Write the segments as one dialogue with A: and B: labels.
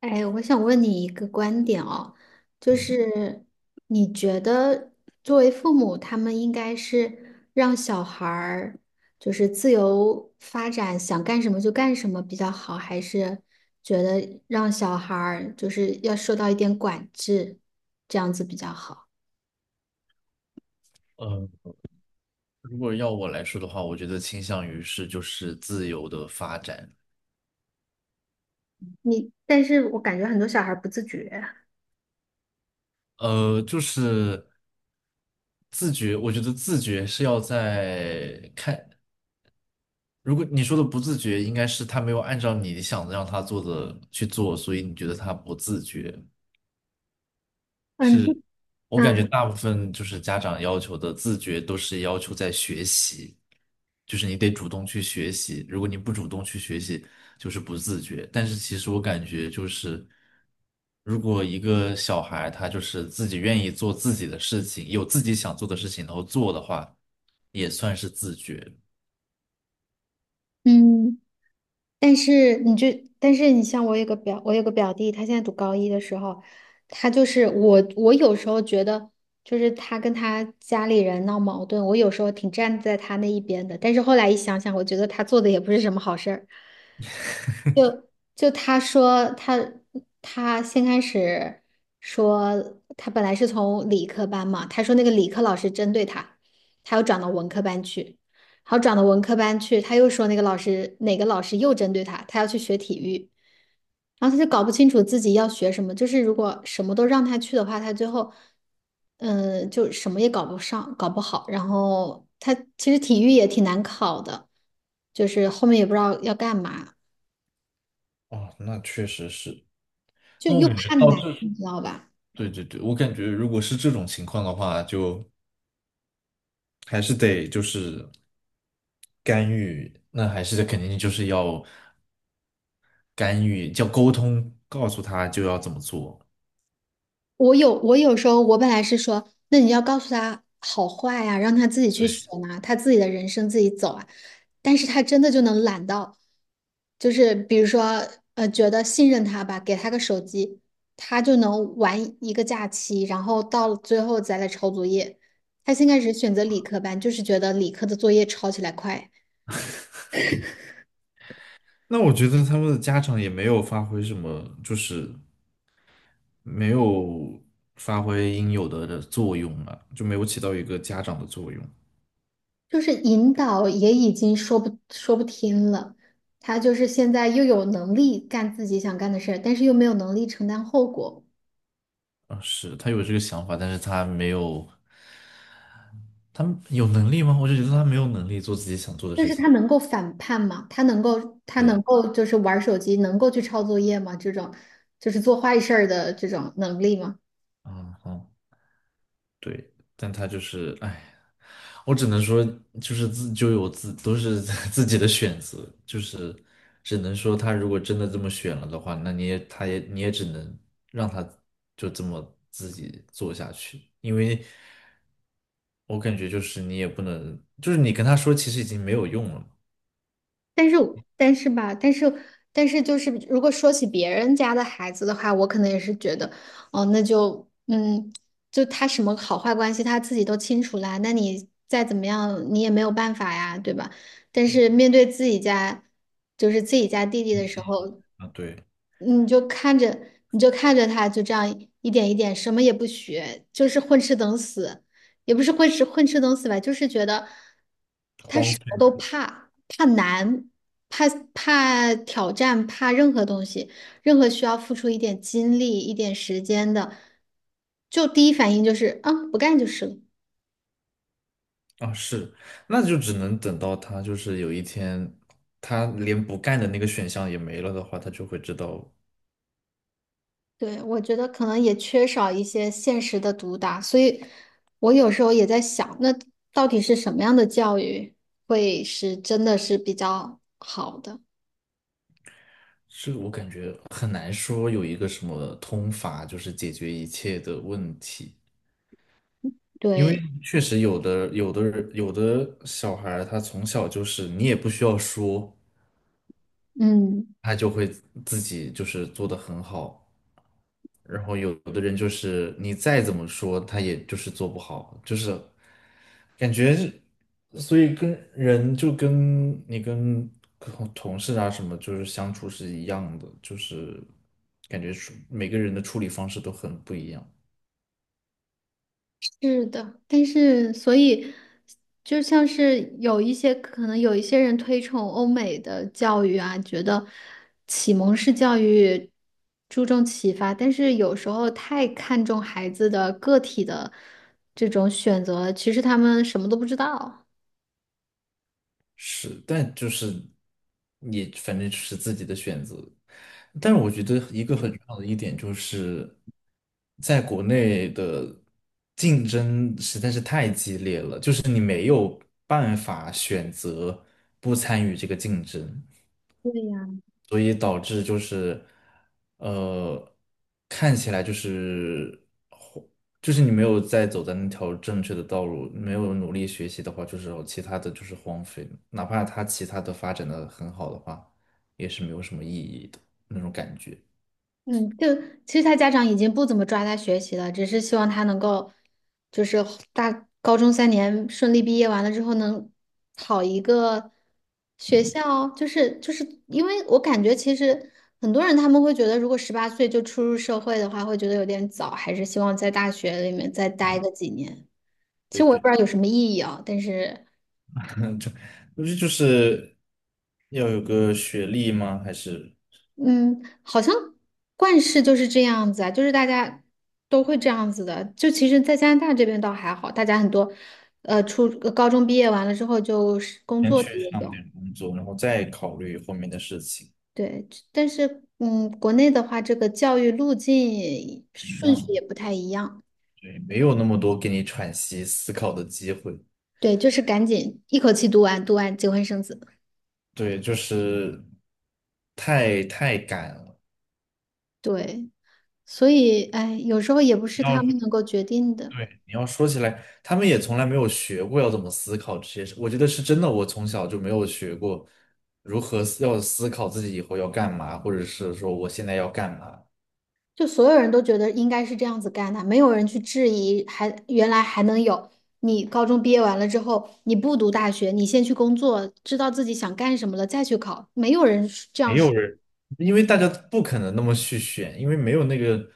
A: 哎，我想问你一个观点哦，就
B: 嗯，
A: 是你觉得作为父母，他们应该是让小孩儿就是自由发展，想干什么就干什么比较好，还是觉得让小孩儿就是要受到一点管制，这样子比较好？
B: 呃，如果要我来说的话，我觉得倾向于是就是自由的发展。
A: 你，但是我感觉很多小孩儿不自觉。
B: 就是自觉，我觉得自觉是要在看，如果你说的不自觉，应该是他没有按照你想让他做的去做，所以你觉得他不自觉。
A: 嗯
B: 我感
A: 嗯
B: 觉大部分就是家长要求的自觉都是要求在学习，就是你得主动去学习，如果你不主动去学习，就是不自觉。但是其实我感觉就是，如果一个小孩他就是自己愿意做自己的事情，有自己想做的事情，然后做的话，也算是自觉。
A: 嗯。但是你就，但是你像我有个表，我有个表弟，他现在读高一的时候，他就是我，我有时候觉得，就是他跟他家里人闹矛盾，我有时候挺站在他那一边的，但是后来一想想，我觉得他做的也不是什么好事儿。就他说他先开始说他本来是从理科班嘛，他说那个理科老师针对他，他又转到文科班去，然后转到文科班去，他又说那个老师哪个老师又针对他，他要去学体育，然后他就搞不清楚自己要学什么，就是如果什么都让他去的话，他最后就什么也搞不上，搞不好，然后他其实体育也挺难考的，就是后面也不知道要干嘛。
B: 哦，那确实是。
A: 就
B: 那我
A: 又
B: 感觉
A: 怕
B: 到
A: 难，
B: 这，
A: 你知道吧？
B: 对对对，我感觉如果是这种情况的话，就。还是得就是干预，那还是肯定就是要干预，叫沟通，告诉他就要怎么做。
A: 我有时候我本来是说，那你要告诉他好坏呀、让他自己去
B: 对，
A: 学啊，他自己的人生自己走啊。但是他真的就能懒到，就是比如说觉得信任他吧，给他个手机，他就能玩一个假期，然后到了最后再来抄作业。他先开始选择理科班，就是觉得理科的作业抄起来快。
B: 那我觉得他们的家长也没有发挥什么，就是没有发挥应有的作用啊，就没有起到一个家长的作用
A: 就是引导也已经说不听了，他就是现在又有能力干自己想干的事儿，但是又没有能力承担后果。
B: 啊。是，他有这个想法，但是他没有，他有能力吗？我就觉得他没有能力做自己想做的
A: 就
B: 事
A: 是
B: 情。
A: 他能够反叛吗？他能够他能
B: 对，
A: 够就是玩手机，能够去抄作业吗？这种就是做坏事儿的这种能力吗？
B: 嗯，好。对，但他就是，哎，我只能说，就是自就有自都是 自己的选择，就是只能说他如果真的这么选了的话，那你也他也你也只能让他就这么自己做下去。因为我感觉就是你也不能，就是你跟他说其实已经没有用了嘛。
A: 但是我但是吧，但是但是就是，如果说起别人家的孩子的话，我可能也是觉得，哦，那就就他什么好坏关系他自己都清楚啦，那你再怎么样你也没有办法呀，对吧？但是面对自己家，就是自己家弟弟的时候，
B: 啊，对，
A: 你就看着他就这样一点一点什么也不学，就是混吃等死。也不是混吃等死吧，就是觉得他
B: 荒
A: 什么
B: 废
A: 都怕，怕难，怕怕挑战，怕任何东西，任何需要付出一点精力、一点时间的，就第一反应就是啊，不干就是了。
B: 啊是。那就只能等到他就是有一天，他连不干的那个选项也没了的话，他就会知道。
A: 对，我觉得可能也缺少一些现实的毒打，所以我有时候也在想，那到底是什么样的教育会是真的是比较好的？
B: 这个我感觉很难说有一个什么通法，就是解决一切的问题。因为
A: 对，
B: 确实有的人，有的小孩儿他从小就是你也不需要说，
A: 嗯。
B: 他就会自己就是做得很好。然后有的人就是你再怎么说，他也就是做不好，就是感觉是。所以跟人就跟你跟同事啊什么，就是相处是一样的，就是感觉处每个人的处理方式都很不一样。
A: 是的，但是所以就像是有一些可能有一些人推崇欧美的教育啊，觉得启蒙式教育注重启发，但是有时候太看重孩子的个体的这种选择，其实他们什么都不知道。
B: 是，但就是你反正是自己的选择。但是我觉得一个很重要的一点就是，在国内的竞争实在是太激烈了，就是你没有办法选择不参与这个竞争，所以导致就是，呃，看起来就是。就是你没有在走在那条正确的道路，没有努力学习的话，就是有其他的就是荒废的，哪怕他其他的发展的很好的话，也是没有什么意义的那种感觉。
A: 嗯，就其实他家长已经不怎么抓他学习了，只是希望他能够，就是大高中3年顺利毕业完了之后能考一个学校，就是因为我感觉其实很多人他们会觉得，如果18岁就出入社会的话，会觉得有点早，还是希望在大学里面再待个几年。其
B: 对
A: 实我也
B: 对，
A: 不知道有什么意义啊，但是。
B: 不是就是要有个学历吗？还是
A: 嗯，好像惯事就是这样子啊，就是大家都会这样子的。就其实，在加拿大这边倒还好，大家很多，高中毕业完了之后就是工
B: 先
A: 作的
B: 去
A: 也
B: 上
A: 有，
B: 点工作，然后再考虑后面的事情，
A: 对。但是，嗯，国内的话，这个教育路径
B: 不一
A: 顺序
B: 样
A: 也
B: 的。
A: 不太一样。
B: 对，没有那么多给你喘息思考的机会。
A: 对，就是赶紧一口气读完，读完结婚生子。
B: 对，就是太赶了。
A: 对，所以，哎，有时候也不
B: 不
A: 是他
B: 要，
A: 们能够决定的。
B: 对，你要说起来，他们也从来没有学过要怎么思考这些事。我觉得是真的，我从小就没有学过如何思考自己以后要干嘛，或者是说我现在要干嘛。
A: 就所有人都觉得应该是这样子干的，没有人去质疑还，原来还能有你高中毕业完了之后，你不读大学，你先去工作，知道自己想干什么了再去考，没有人是这样
B: 没有
A: 说
B: 人，因为大家不可能那么去选，因为没有那个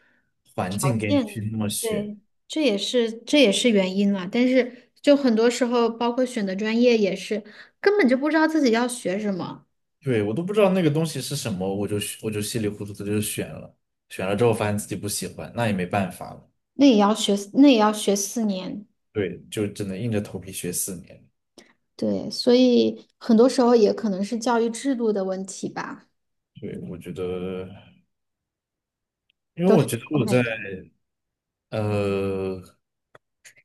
B: 环境
A: 条
B: 给你去
A: 件，
B: 那么选。
A: 对，这也是原因了。但是就很多时候，包括选的专业也是，根本就不知道自己要学什么，
B: 对，我都不知道那个东西是什么，我就稀里糊涂的就选了，选了之后发现自己不喜欢，那也没办法了。
A: 那也要学，那也要学四年，
B: 对，就只能硬着头皮学四年。
A: 对，所以很多时候也可能是教育制度的问题吧，
B: 对，我觉得，因为
A: 都
B: 我
A: 是
B: 觉得
A: 我
B: 我
A: 感
B: 在。
A: 觉，
B: 呃，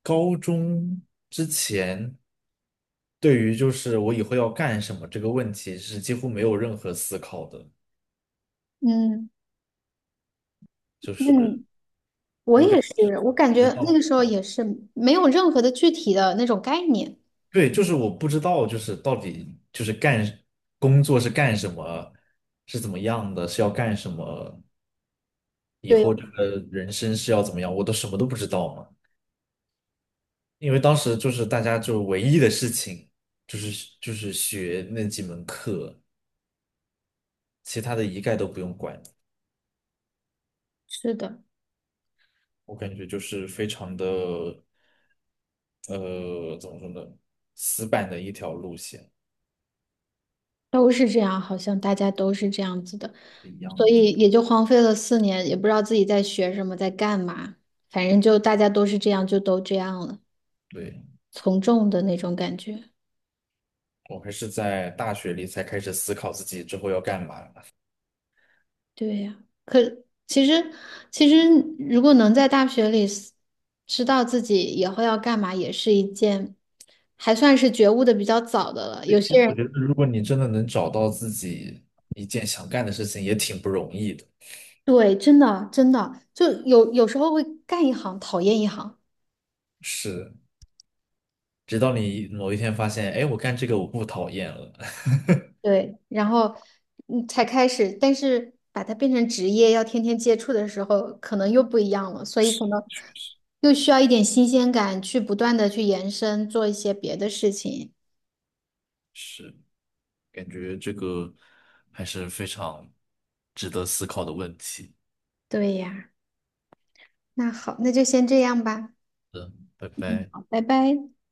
B: 高中之前，对于就是我以后要干什么这个问题是几乎没有任何思考的，
A: 嗯。
B: 就是
A: 嗯，我
B: 我感
A: 也是，
B: 觉是
A: 我感
B: 不
A: 觉
B: 知
A: 那
B: 道。
A: 个时候
B: 我
A: 也是没有任何的具体的那种概念。
B: 对，就是我不知道就是到底就是干工作是干什么，是怎么样的，是要干什么，以
A: 对呀，
B: 后这个人生是要怎么样，我都什么都不知道嘛。因为当时就是大家就唯一的事情就是学那几门课，其他的一概都不用管。
A: 是的，
B: 我感觉就是非常的怎么说呢，死板的一条路线
A: 都是这样，好像大家都是这样子的，
B: 是一样
A: 所
B: 的。
A: 以也就荒废了四年，也不知道自己在学什么，在干嘛，反正就大家都是这样，就都这样了，
B: 对，
A: 从众的那种感觉。
B: 我还是在大学里才开始思考自己之后要干嘛。
A: 对呀，可其实其实如果能在大学里 知道自己以后要干嘛，也是一件还算是觉悟的比较早的了。有
B: 对，其
A: 些
B: 实
A: 人。
B: 我觉得，如果你真的能找到自己一件想干的事情，也挺不容易的。
A: 对，真的真的，就有时候会干一行讨厌一行，
B: 是，直到你某一天发现，哎，我干这个我不讨厌了。
A: 对，然后嗯才开始，但是把它变成职业，要天天接触的时候，可能又不一样了，所以可能又需要一点新鲜感，去不断的去延伸，做一些别的事情。
B: 是，感觉这个还是非常值得思考的问题。
A: 对呀，那好，那就先这样吧，
B: 拜拜。
A: 好拜拜。